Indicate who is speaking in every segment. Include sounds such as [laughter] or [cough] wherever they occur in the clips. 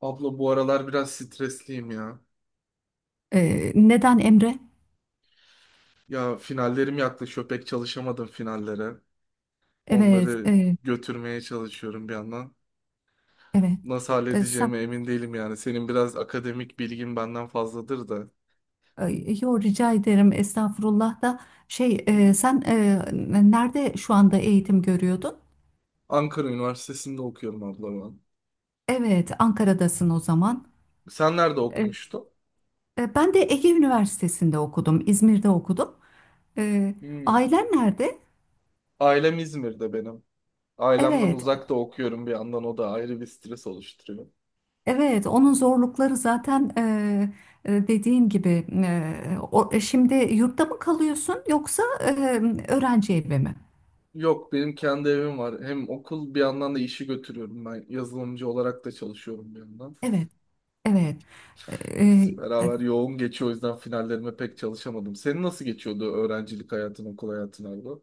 Speaker 1: Abla bu aralar biraz stresliyim ya.
Speaker 2: Neden Emre?
Speaker 1: Ya finallerim yaklaşıyor. Pek çalışamadım finallere.
Speaker 2: Evet,
Speaker 1: Onları götürmeye çalışıyorum bir yandan.
Speaker 2: evet.
Speaker 1: Nasıl
Speaker 2: E, sen,
Speaker 1: halledeceğime emin değilim yani. Senin biraz akademik bilgin benden fazladır da.
Speaker 2: e, Yo, rica ederim estağfurullah da şey,
Speaker 1: Hı.
Speaker 2: nerede şu anda eğitim görüyordun?
Speaker 1: Ankara Üniversitesi'nde okuyorum abla ben.
Speaker 2: Evet, Ankara'dasın o
Speaker 1: Hı.
Speaker 2: zaman.
Speaker 1: Sen nerede
Speaker 2: E,
Speaker 1: okumuştun?
Speaker 2: Ben de Ege Üniversitesi'nde okudum, İzmir'de okudum. E,
Speaker 1: Hmm.
Speaker 2: Ailen nerede?
Speaker 1: Ailem İzmir'de benim. Ailemden
Speaker 2: Evet,
Speaker 1: uzakta okuyorum bir yandan, o da ayrı bir stres oluşturuyor.
Speaker 2: evet. Onun zorlukları zaten, dediğin gibi. Şimdi yurtta mı kalıyorsun, yoksa öğrenci evi mi?
Speaker 1: Yok, benim kendi evim var. Hem okul bir yandan da işi götürüyorum ben. Yazılımcı olarak da çalışıyorum bir yandan.
Speaker 2: Evet. Evet.
Speaker 1: İkisi
Speaker 2: Eee,
Speaker 1: beraber yoğun geçiyor. O yüzden finallerime pek çalışamadım. Senin nasıl geçiyordu öğrencilik hayatın, okul hayatın abla?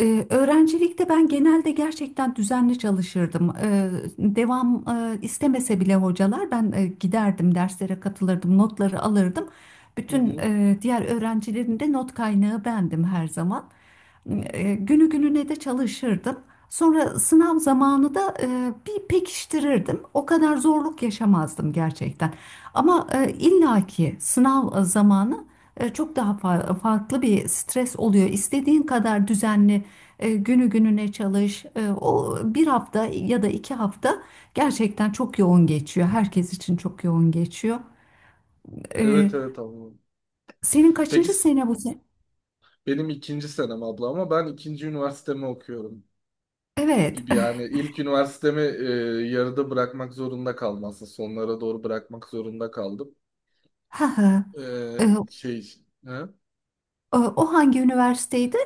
Speaker 2: Öğrencilikte ben genelde gerçekten düzenli çalışırdım. Devam istemese bile hocalar, ben giderdim, derslere katılırdım, notları alırdım.
Speaker 1: Hı
Speaker 2: Bütün
Speaker 1: hı.
Speaker 2: diğer öğrencilerin de not kaynağı bendim her zaman.
Speaker 1: Hı.
Speaker 2: Günü gününe de çalışırdım. Sonra sınav zamanı da bir pekiştirirdim. O kadar zorluk yaşamazdım gerçekten. Ama illaki sınav zamanı çok daha farklı bir stres oluyor. İstediğin kadar düzenli günü gününe çalış. O bir hafta ya da iki hafta gerçekten çok yoğun geçiyor. Herkes için çok yoğun geçiyor.
Speaker 1: Evet
Speaker 2: E,
Speaker 1: evet abla.
Speaker 2: Senin
Speaker 1: Peki
Speaker 2: kaçıncı
Speaker 1: s-
Speaker 2: sene bu sene?
Speaker 1: benim ikinci senem abla, ama ben ikinci üniversitemi okuyorum
Speaker 2: Evet.
Speaker 1: gibi
Speaker 2: [laughs]
Speaker 1: yani. İlk üniversitemi yarıda bırakmak zorunda kaldım aslında, sonlara doğru bırakmak zorunda kaldım.
Speaker 2: Ha ha.
Speaker 1: E,
Speaker 2: E, o
Speaker 1: şey he?
Speaker 2: o hangi üniversiteydi?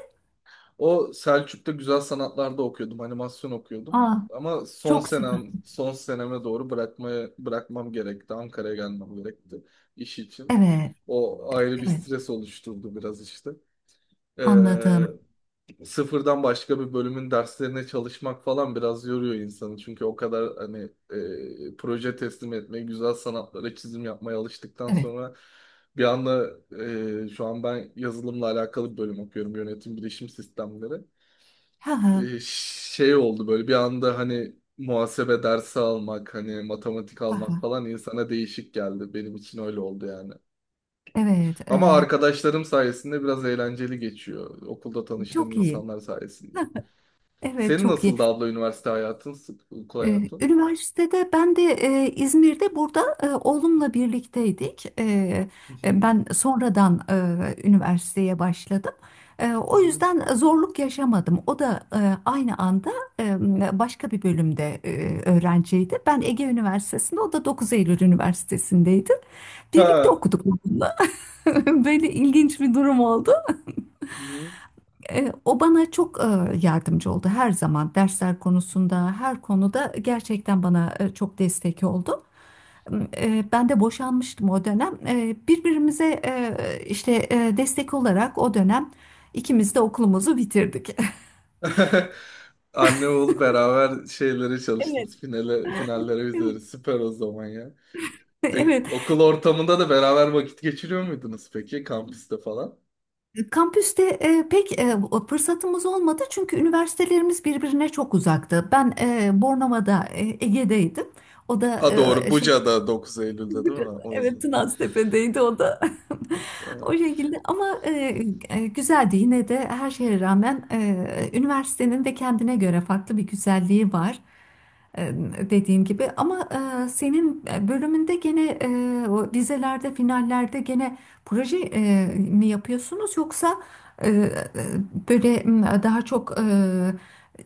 Speaker 1: O Selçuk'ta güzel sanatlarda okuyordum, animasyon okuyordum.
Speaker 2: Aa,
Speaker 1: Ama son
Speaker 2: çok süper.
Speaker 1: senem, son seneme doğru bırakmam gerekti. Ankara'ya gelmem gerekti iş için.
Speaker 2: Evet,
Speaker 1: O ayrı bir
Speaker 2: evet.
Speaker 1: stres oluşturdu biraz işte.
Speaker 2: Anladım.
Speaker 1: Ee, sıfırdan başka bir bölümün derslerine çalışmak falan biraz yoruyor insanı. Çünkü o kadar hani proje teslim etmeye, güzel sanatlara çizim yapmaya alıştıktan
Speaker 2: Evet.
Speaker 1: sonra bir anda şu an ben yazılımla alakalı bir bölüm okuyorum. Yönetim bilişim sistemleri
Speaker 2: Ha ha.
Speaker 1: e, oldu böyle bir anda, hani muhasebe dersi almak, hani matematik
Speaker 2: Ha
Speaker 1: almak
Speaker 2: ha.
Speaker 1: falan insana değişik geldi. Benim için öyle oldu yani.
Speaker 2: Evet,
Speaker 1: Ama arkadaşlarım sayesinde biraz eğlenceli geçiyor. Okulda tanıştığım
Speaker 2: çok iyi.
Speaker 1: insanlar sayesinde.
Speaker 2: Evet,
Speaker 1: Senin
Speaker 2: çok iyi.
Speaker 1: nasıldı abla üniversite hayatın, okul hayatın?
Speaker 2: Üniversitede ben de İzmir'de, burada oğlumla birlikteydik.
Speaker 1: Hı hı,
Speaker 2: Ben sonradan üniversiteye başladım.
Speaker 1: hı
Speaker 2: O
Speaker 1: hı,
Speaker 2: yüzden zorluk yaşamadım. O da aynı anda başka bir bölümde öğrenciydi. Ben Ege Üniversitesi'nde, o da 9 Eylül Üniversitesi'ndeydi. Birlikte
Speaker 1: ha.
Speaker 2: okuduk onunla. [laughs] Böyle ilginç bir durum oldu.
Speaker 1: Hı hı.
Speaker 2: O bana çok yardımcı oldu her zaman, dersler konusunda, her konuda gerçekten bana çok destek oldu. Ben de boşanmıştım o dönem. Birbirimize, işte, destek olarak o dönem ikimiz de okulumuzu bitirdik. [laughs]
Speaker 1: [laughs] Anne oğlu beraber şeylere
Speaker 2: Evet.
Speaker 1: çalıştınız. Finale, finallere üzeri.
Speaker 2: Evet.
Speaker 1: Süper o zaman ya. Peki,
Speaker 2: Evet.
Speaker 1: okul ortamında da beraber vakit geçiriyor muydunuz peki, kampüste falan?
Speaker 2: Kampüste pek fırsatımız olmadı, çünkü üniversitelerimiz birbirine çok uzaktı. Ben Bornova'da, Ege'deydim. O da
Speaker 1: Ha, doğru,
Speaker 2: şey.
Speaker 1: Buca'da 9 Eylül'de değil mi? O
Speaker 2: Evet,
Speaker 1: yüzden.
Speaker 2: Tınaztepe'deydi o da. [laughs] O
Speaker 1: Evet.
Speaker 2: şekilde, ama güzeldi yine de, her şeye rağmen üniversitenin de kendine göre farklı bir güzelliği var. E, Dediğin gibi, ama senin bölümünde gene, o dizelerde, finallerde gene proje mi yapıyorsunuz, yoksa e, e, böyle, daha çok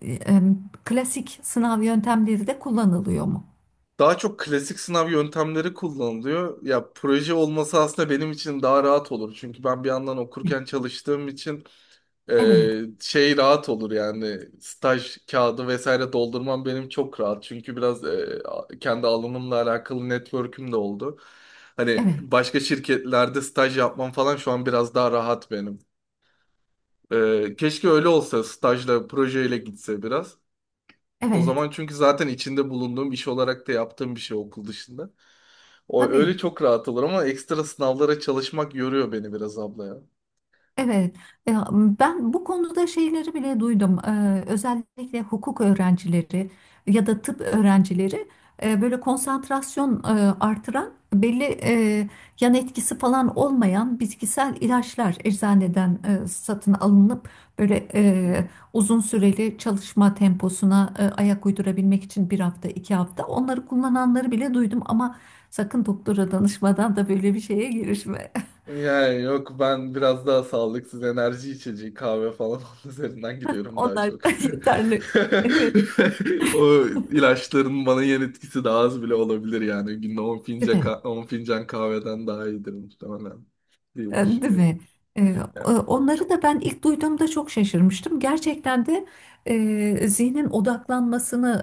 Speaker 2: e, e, klasik sınav yöntemleri de kullanılıyor mu?
Speaker 1: Daha çok klasik sınav yöntemleri kullanılıyor. Ya proje olması aslında benim için daha rahat olur. Çünkü ben bir yandan okurken çalıştığım için
Speaker 2: Evet,
Speaker 1: rahat olur yani, staj kağıdı vesaire doldurmam benim çok rahat. Çünkü biraz kendi alanımla alakalı network'üm de oldu. Hani
Speaker 2: evet,
Speaker 1: başka şirketlerde staj yapmam falan şu an biraz daha rahat benim. Keşke öyle olsa, stajla, projeyle gitse biraz. O
Speaker 2: evet.
Speaker 1: zaman, çünkü zaten içinde bulunduğum iş olarak da yaptığım bir şey okul dışında. O öyle
Speaker 2: Tabii,
Speaker 1: çok rahat olur ama ekstra sınavlara çalışmak yoruyor beni biraz abla ya.
Speaker 2: evet. E, Ben bu konuda şeyleri bile duydum. Özellikle hukuk öğrencileri ya da tıp öğrencileri, böyle konsantrasyon artıran, belli yan etkisi falan olmayan bitkisel ilaçlar eczaneden satın alınıp, böyle
Speaker 1: Hmm.
Speaker 2: uzun süreli çalışma temposuna ayak uydurabilmek için bir hafta, iki hafta onları kullananları bile duydum, ama sakın doktora danışmadan da böyle bir şeye girişme.
Speaker 1: Yani yok, ben biraz daha sağlıksız enerji içeceği, kahve falan [laughs] onun üzerinden gidiyorum daha
Speaker 2: Onlar
Speaker 1: çok. [laughs]
Speaker 2: [laughs] yeterli. Evet.
Speaker 1: O ilaçların bana yan etkisi daha az bile olabilir yani. Günde 10
Speaker 2: Değil
Speaker 1: fincan,
Speaker 2: mi?
Speaker 1: 10 fincan kahveden daha iyidir muhtemelen
Speaker 2: E,
Speaker 1: diye
Speaker 2: Değil
Speaker 1: düşünüyorum.
Speaker 2: mi? E,
Speaker 1: Yani.
Speaker 2: Onları da ben ilk duyduğumda çok şaşırmıştım. Gerçekten de zihnin odaklanmasını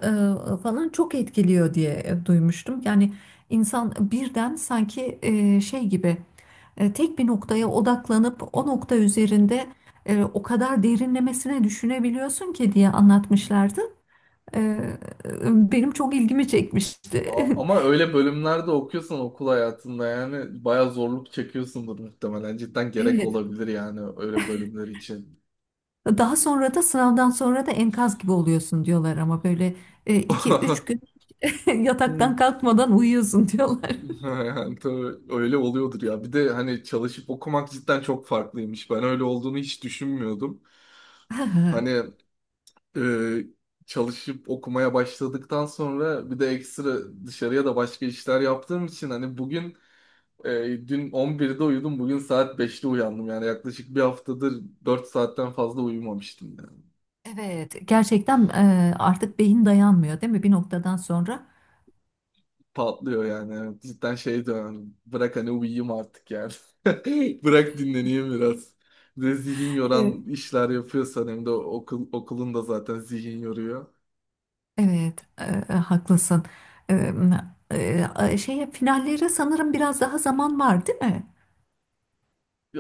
Speaker 2: falan çok etkiliyor diye duymuştum. Yani insan birden sanki şey gibi, tek bir noktaya odaklanıp o nokta üzerinde o kadar derinlemesine düşünebiliyorsun ki diye anlatmışlardı. E, Benim çok ilgimi çekmişti. [laughs]
Speaker 1: Ama öyle bölümlerde okuyorsan okul hayatında yani bayağı zorluk çekiyorsundur muhtemelen. Cidden gerek
Speaker 2: Evet.
Speaker 1: olabilir yani, öyle bölümler için.
Speaker 2: Daha sonra da, sınavdan sonra da enkaz gibi oluyorsun diyorlar, ama böyle iki üç gün [laughs] yataktan
Speaker 1: [laughs]
Speaker 2: kalkmadan uyuyorsun diyorlar.
Speaker 1: [laughs] Ha. Tabii öyle oluyordur ya. Bir de hani çalışıp okumak cidden çok farklıymış. Ben öyle olduğunu hiç düşünmüyordum. Hani
Speaker 2: [laughs]
Speaker 1: e, çalışıp okumaya başladıktan sonra bir de ekstra dışarıya da başka işler yaptığım için hani bugün e, dün 11'de uyudum, bugün saat 5'te uyandım. Yani yaklaşık bir haftadır 4 saatten fazla uyumamıştım yani.
Speaker 2: Evet, gerçekten artık beyin dayanmıyor, değil mi bir noktadan sonra?
Speaker 1: Patlıyor yani. Evet, cidden şey dönem. Bırak hani, uyuyayım artık yani. [laughs] Bırak, dinleneyim biraz. Bir de zihin
Speaker 2: Evet.
Speaker 1: yoran işler yapıyorsan, hem de okul, okulun da zaten zihin yoruyor.
Speaker 2: Evet, haklısın. E, Şeye, finallere sanırım biraz daha zaman var, değil mi?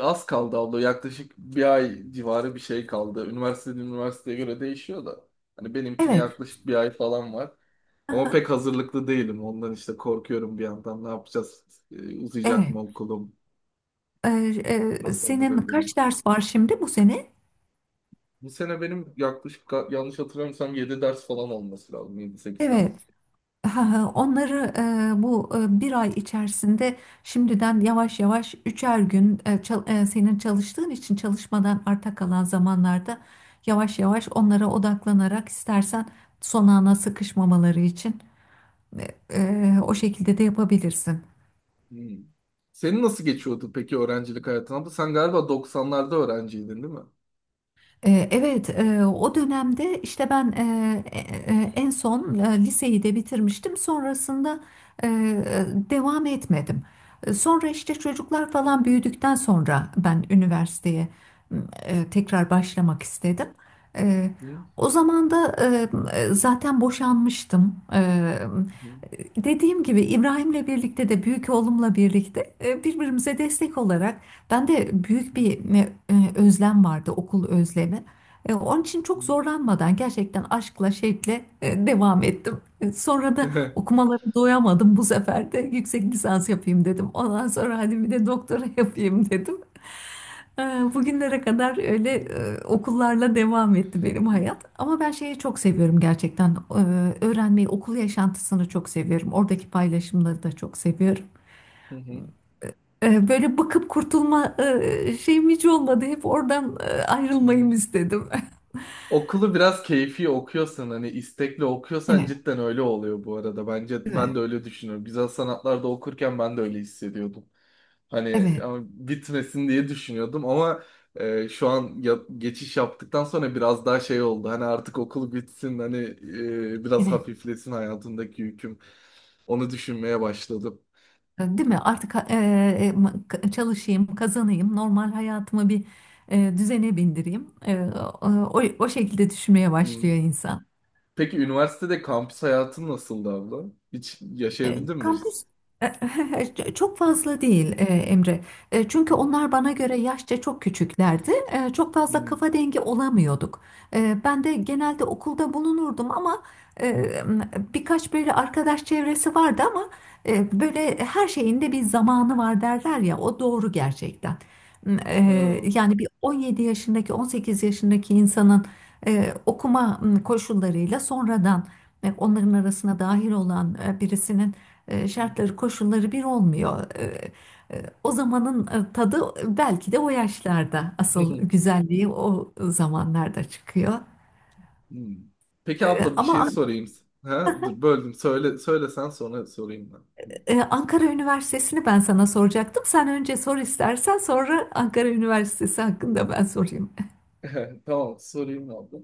Speaker 1: Az kaldı abla. Yaklaşık bir ay civarı bir şey kaldı. Üniversiteden üniversiteye göre değişiyor da. Hani benimkine
Speaker 2: Evet.
Speaker 1: yaklaşık bir ay falan var. Ama
Speaker 2: Aha.
Speaker 1: pek hazırlıklı değilim. Ondan işte korkuyorum bir yandan. Ne yapacağız? Uzayacak
Speaker 2: Evet.
Speaker 1: mı okulum?
Speaker 2: E,
Speaker 1: Nasıl
Speaker 2: Senin
Speaker 1: halledebilirim?
Speaker 2: kaç ders var şimdi bu sene?
Speaker 1: Bu sene benim yaklaşık yanlış hatırlamıyorsam 7 ders falan olması lazım. Yedi sekiz ders.
Speaker 2: Evet. Ha, ha. Onları bu bir ay içerisinde şimdiden yavaş yavaş, üçer gün, senin çalıştığın için çalışmadan arta kalan zamanlarda yavaş yavaş onlara odaklanarak istersen, son ana sıkışmamaları için e, o şekilde de yapabilirsin.
Speaker 1: Hmm. Senin nasıl geçiyordu peki öğrencilik hayatın? Ama sen galiba doksanlarda öğrenciydin değil mi?
Speaker 2: Evet, o dönemde işte ben e, en son liseyi de bitirmiştim. Sonrasında devam etmedim. Sonra işte çocuklar falan büyüdükten sonra ben üniversiteye tekrar başlamak istedim. E, O zaman da zaten boşanmıştım. Dediğim gibi, İbrahim'le birlikte, de büyük oğlumla birlikte birbirimize destek olarak, ben de büyük
Speaker 1: Hı
Speaker 2: bir özlem vardı, okul özlemi. Onun için çok
Speaker 1: hı.
Speaker 2: zorlanmadan, gerçekten aşkla, şevkle devam ettim. Sonra
Speaker 1: Hı
Speaker 2: da
Speaker 1: hı.
Speaker 2: okumaları doyamadım, bu sefer de yüksek lisans yapayım dedim. Ondan sonra hadi bir de doktora [laughs] yapayım dedim. E, Bugünlere kadar öyle okullarla devam etti benim hayat.
Speaker 1: [laughs]
Speaker 2: Ama ben şeyi çok seviyorum gerçekten. Öğrenmeyi, okul yaşantısını çok seviyorum. Oradaki paylaşımları da çok seviyorum.
Speaker 1: Hı hı,
Speaker 2: Böyle bakıp kurtulma şeyim hiç olmadı. Hep oradan
Speaker 1: hı hı.
Speaker 2: ayrılmayım istedim. [laughs]
Speaker 1: Okulu biraz keyfi okuyorsan hani istekli okuyorsan
Speaker 2: Evet,
Speaker 1: cidden öyle oluyor bu arada. Bence
Speaker 2: evet,
Speaker 1: ben de öyle düşünüyorum. Güzel sanatlarda okurken ben de öyle hissediyordum. Hani
Speaker 2: evet,
Speaker 1: ama bitmesin diye düşünüyordum, ama şu an geçiş yaptıktan sonra biraz daha şey oldu. Hani artık okul bitsin, hani biraz
Speaker 2: evet.
Speaker 1: hafiflesin hayatımdaki yüküm. Onu düşünmeye başladım.
Speaker 2: Değil mi? Artık çalışayım, kazanayım, normal hayatımı bir düzene bindireyim. O, o şekilde düşünmeye
Speaker 1: Hı.
Speaker 2: başlıyor insan.
Speaker 1: Peki üniversitede kampüs hayatın nasıldı abla? Hiç yaşayabildin mi?
Speaker 2: Kampüs [laughs] çok fazla değil, Emre. Çünkü
Speaker 1: Hı.
Speaker 2: onlar bana göre yaşça çok küçüklerdi. Çok fazla
Speaker 1: Hı.
Speaker 2: kafa dengi olamıyorduk. Ben de genelde okulda bulunurdum, ama e, birkaç böyle arkadaş çevresi vardı, ama böyle her şeyin de bir zamanı var derler ya, o doğru gerçekten. E,
Speaker 1: Ha.
Speaker 2: Yani bir 17 yaşındaki, 18 yaşındaki insanın okuma koşullarıyla, sonradan onların arasına dahil olan birisinin şartları, koşulları bir olmuyor. O zamanın tadı, belki de o yaşlarda
Speaker 1: Hı.
Speaker 2: asıl
Speaker 1: [laughs]
Speaker 2: güzelliği o zamanlarda çıkıyor.
Speaker 1: Hmm. Peki
Speaker 2: E,
Speaker 1: abla bir
Speaker 2: Ama
Speaker 1: şey sorayım. Ha? Dur, böldüm. Söylesen sonra sorayım
Speaker 2: Ankara Üniversitesi'ni ben sana soracaktım. Sen önce sor, istersen sonra Ankara Üniversitesi hakkında ben sorayım.
Speaker 1: ben. [laughs] Tamam, sorayım abla.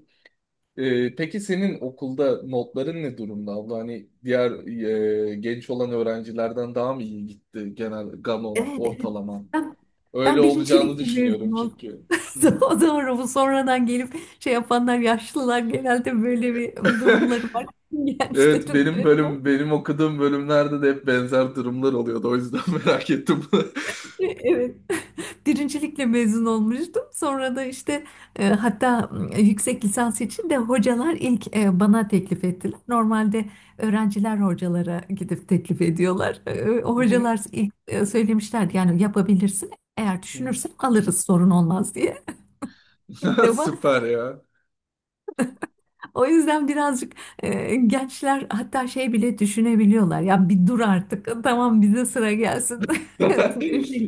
Speaker 1: Peki senin okulda notların ne durumda abla? Hani diğer genç olan öğrencilerden daha mı iyi gitti genel gamon
Speaker 2: Evet, evet.
Speaker 1: ortalaman?
Speaker 2: Ben,
Speaker 1: Öyle
Speaker 2: ben
Speaker 1: olacağını
Speaker 2: birincilikle mezun
Speaker 1: düşünüyorum
Speaker 2: oldum.
Speaker 1: çünkü. Hı
Speaker 2: [laughs]
Speaker 1: hı.
Speaker 2: O doğru, bu sonradan gelip şey yapanlar, yaşlılar, genelde böyle bir durumları var [laughs]
Speaker 1: [laughs] Evet,
Speaker 2: gençlerin.
Speaker 1: benim okuduğum bölümlerde de hep benzer durumlar oluyordu. O yüzden [laughs] merak ettim. [laughs]
Speaker 2: Evet. [laughs] Birincilikle mezun olmuştum. Sonra da işte, hatta yüksek lisans için de hocalar ilk bana teklif ettiler. Normalde öğrenciler hocalara gidip teklif ediyorlar. O
Speaker 1: Hı
Speaker 2: hocalar ilk söylemişlerdi, yani yapabilirsin. Eğer düşünürsen alırız, sorun olmaz diye. [laughs] İlk
Speaker 1: hı. [laughs]
Speaker 2: defa.
Speaker 1: Süper ya.
Speaker 2: O yüzden birazcık, gençler hatta şey bile düşünebiliyorlar. Ya bir dur artık, tamam bize sıra gelsin.
Speaker 1: [laughs]
Speaker 2: [laughs] Öyle.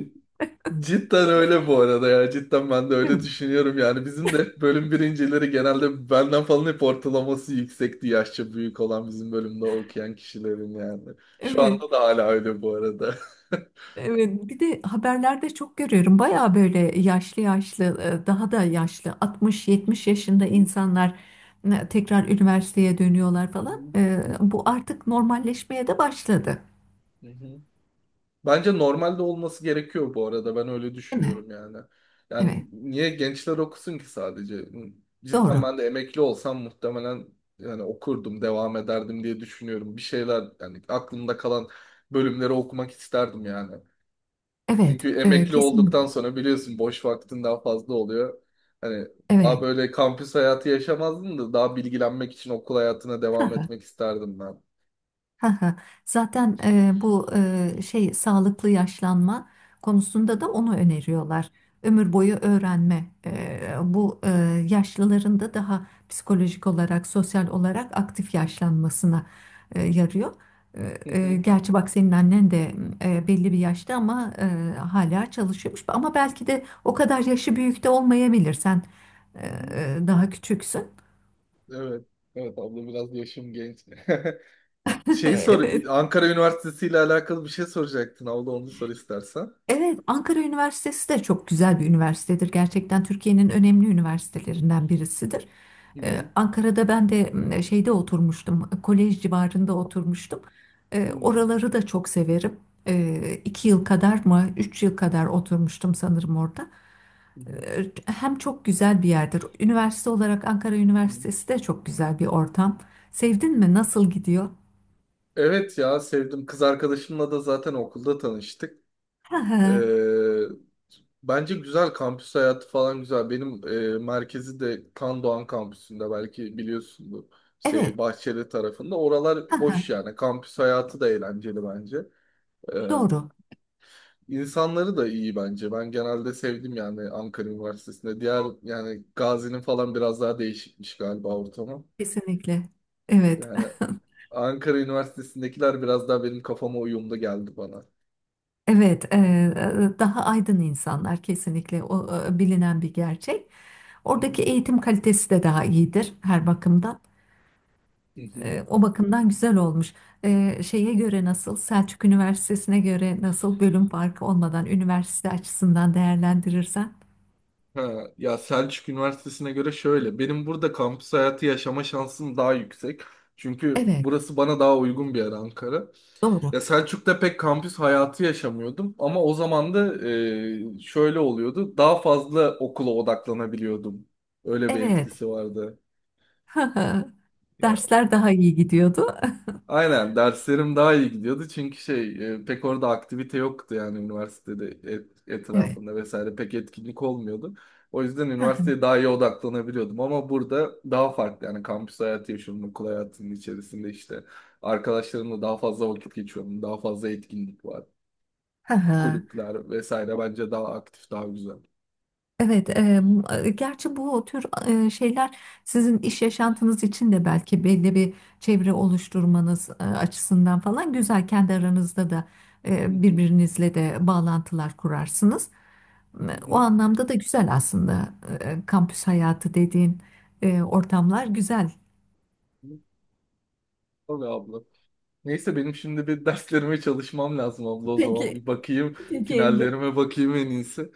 Speaker 1: Cidden öyle bu arada ya. Cidden ben de
Speaker 2: Değil
Speaker 1: öyle
Speaker 2: mi?
Speaker 1: düşünüyorum yani. Bizim de hep bölüm birincileri genelde benden falan hep ortalaması yüksekti, yaşça büyük olan bizim bölümde okuyan kişilerin yani. Şu
Speaker 2: Evet.
Speaker 1: anda da hala öyle bu arada. [laughs]
Speaker 2: Evet, bir de haberlerde çok görüyorum. Bayağı böyle yaşlı yaşlı, daha da yaşlı, 60-70 yaşında
Speaker 1: Hı
Speaker 2: insanlar tekrar üniversiteye dönüyorlar falan.
Speaker 1: hı.
Speaker 2: Bu artık normalleşmeye de başladı,
Speaker 1: Hı hı. Bence normalde olması gerekiyor bu arada. Ben öyle
Speaker 2: değil mi?
Speaker 1: düşünüyorum yani.
Speaker 2: Evet,
Speaker 1: Yani niye gençler okusun ki sadece? Cidden
Speaker 2: doğru.
Speaker 1: ben de emekli olsam muhtemelen yani okurdum, devam ederdim diye düşünüyorum. Bir şeyler yani, aklımda kalan bölümleri okumak isterdim yani.
Speaker 2: Evet,
Speaker 1: Çünkü emekli olduktan
Speaker 2: kesinlikle.
Speaker 1: sonra biliyorsun boş vaktin daha fazla oluyor. Hani daha
Speaker 2: Evet.
Speaker 1: böyle kampüs hayatı yaşamazdım da daha bilgilenmek için okul hayatına devam
Speaker 2: [laughs]
Speaker 1: etmek isterdim ben.
Speaker 2: Haha. Zaten bu şey, sağlıklı yaşlanma konusunda da onu öneriyorlar. Ömür boyu öğrenme. Bu yaşlıların da daha psikolojik olarak, sosyal olarak aktif yaşlanmasına yarıyor.
Speaker 1: Hı hı,
Speaker 2: Gerçi bak, senin annen de belli bir yaşta, ama hala çalışıyormuş. Ama belki de o kadar yaşı büyük de olmayabilir. Sen e,
Speaker 1: hı hı.
Speaker 2: daha küçüksün.
Speaker 1: Evet. Evet abla, biraz yaşım genç. [laughs]
Speaker 2: [laughs]
Speaker 1: Şeyi sor,
Speaker 2: Evet.
Speaker 1: Ankara Üniversitesi ile alakalı bir şey soracaktın abla, onu sor istersen.
Speaker 2: Evet, Ankara Üniversitesi de çok güzel bir üniversitedir. Gerçekten Türkiye'nin önemli üniversitelerinden birisidir.
Speaker 1: Hı hı.
Speaker 2: Ankara'da ben de şeyde oturmuştum, kolej civarında oturmuştum.
Speaker 1: Hı hı.
Speaker 2: Oraları da çok severim. İki yıl kadar mı, üç yıl kadar oturmuştum sanırım orada.
Speaker 1: Hı hı.
Speaker 2: Hem çok güzel bir yerdir. Üniversite olarak Ankara
Speaker 1: Hı.
Speaker 2: Üniversitesi de çok güzel bir ortam. Sevdin mi? Nasıl gidiyor?
Speaker 1: Evet ya, sevdim. Kız arkadaşımla da zaten okulda tanıştık.
Speaker 2: [laughs]
Speaker 1: Ee, bence güzel, kampüs hayatı falan güzel. Benim merkezi de Kan Doğan kampüsünde, belki biliyorsundur.
Speaker 2: Evet.
Speaker 1: Bahçeli tarafında. Oralar hoş
Speaker 2: [laughs]
Speaker 1: yani. Kampüs hayatı da eğlenceli bence. Ee,
Speaker 2: Doğru.
Speaker 1: İnsanları da iyi bence. Ben genelde sevdim yani Ankara Üniversitesi'nde. Diğer, yani Gazi'nin falan biraz daha değişikmiş galiba ortamı.
Speaker 2: Kesinlikle. Evet.
Speaker 1: Yani Ankara Üniversitesi'ndekiler biraz daha benim kafama uyumlu geldi bana.
Speaker 2: Evet, daha aydın insanlar kesinlikle, o bilinen bir gerçek.
Speaker 1: Hı hı.
Speaker 2: Oradaki eğitim kalitesi de daha iyidir her bakımdan.
Speaker 1: Hı hı.
Speaker 2: O bakımdan güzel olmuş. Şeye göre nasıl, Selçuk Üniversitesi'ne göre nasıl, bölüm farkı olmadan üniversite açısından değerlendirirsen.
Speaker 1: Ha, ya Selçuk Üniversitesi'ne göre şöyle. Benim burada kampüs hayatı yaşama şansım daha yüksek. Çünkü
Speaker 2: Evet,
Speaker 1: burası bana daha uygun bir yer, Ankara.
Speaker 2: doğru.
Speaker 1: Ya Selçuk'ta pek kampüs hayatı yaşamıyordum, ama o zaman da şöyle oluyordu. Daha fazla okula odaklanabiliyordum. Öyle bir
Speaker 2: Evet.
Speaker 1: etkisi vardı.
Speaker 2: [laughs]
Speaker 1: Ya
Speaker 2: Dersler daha iyi gidiyordu. [laughs]
Speaker 1: aynen, derslerim daha iyi gidiyordu çünkü pek orada aktivite yoktu yani, üniversitede
Speaker 2: Evet.
Speaker 1: etrafında vesaire pek etkinlik olmuyordu. O yüzden üniversiteye daha iyi odaklanabiliyordum, ama burada daha farklı yani kampüs hayatı yaşıyorum okul hayatının içerisinde işte, arkadaşlarımla daha fazla vakit geçiyorum, daha fazla etkinlik var.
Speaker 2: [laughs]
Speaker 1: Kulüpler vesaire bence daha aktif, daha güzel.
Speaker 2: Evet, gerçi bu tür şeyler sizin iş yaşantınız için de belki belli bir çevre oluşturmanız açısından falan güzel. Kendi aranızda da
Speaker 1: Hı hı,
Speaker 2: birbirinizle de bağlantılar kurarsınız.
Speaker 1: hı
Speaker 2: O
Speaker 1: hı.
Speaker 2: anlamda da güzel aslında. Kampüs hayatı dediğin ortamlar güzel.
Speaker 1: Tabii abla. Neyse, benim şimdi bir derslerime çalışmam lazım abla, o zaman.
Speaker 2: Peki,
Speaker 1: Bir bakayım,
Speaker 2: peki Emre.
Speaker 1: finallerime bakayım en iyisi.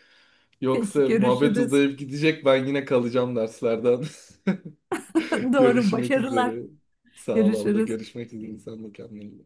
Speaker 1: Yoksa
Speaker 2: Peki,
Speaker 1: muhabbet
Speaker 2: görüşürüz.
Speaker 1: uzayıp gidecek, ben yine kalacağım derslerden.
Speaker 2: [laughs]
Speaker 1: [laughs]
Speaker 2: Doğru,
Speaker 1: Görüşmek
Speaker 2: başarılar.
Speaker 1: üzere. Sağ ol abla.
Speaker 2: Görüşürüz.
Speaker 1: Görüşmek üzere. Sen de kendine iyi bak.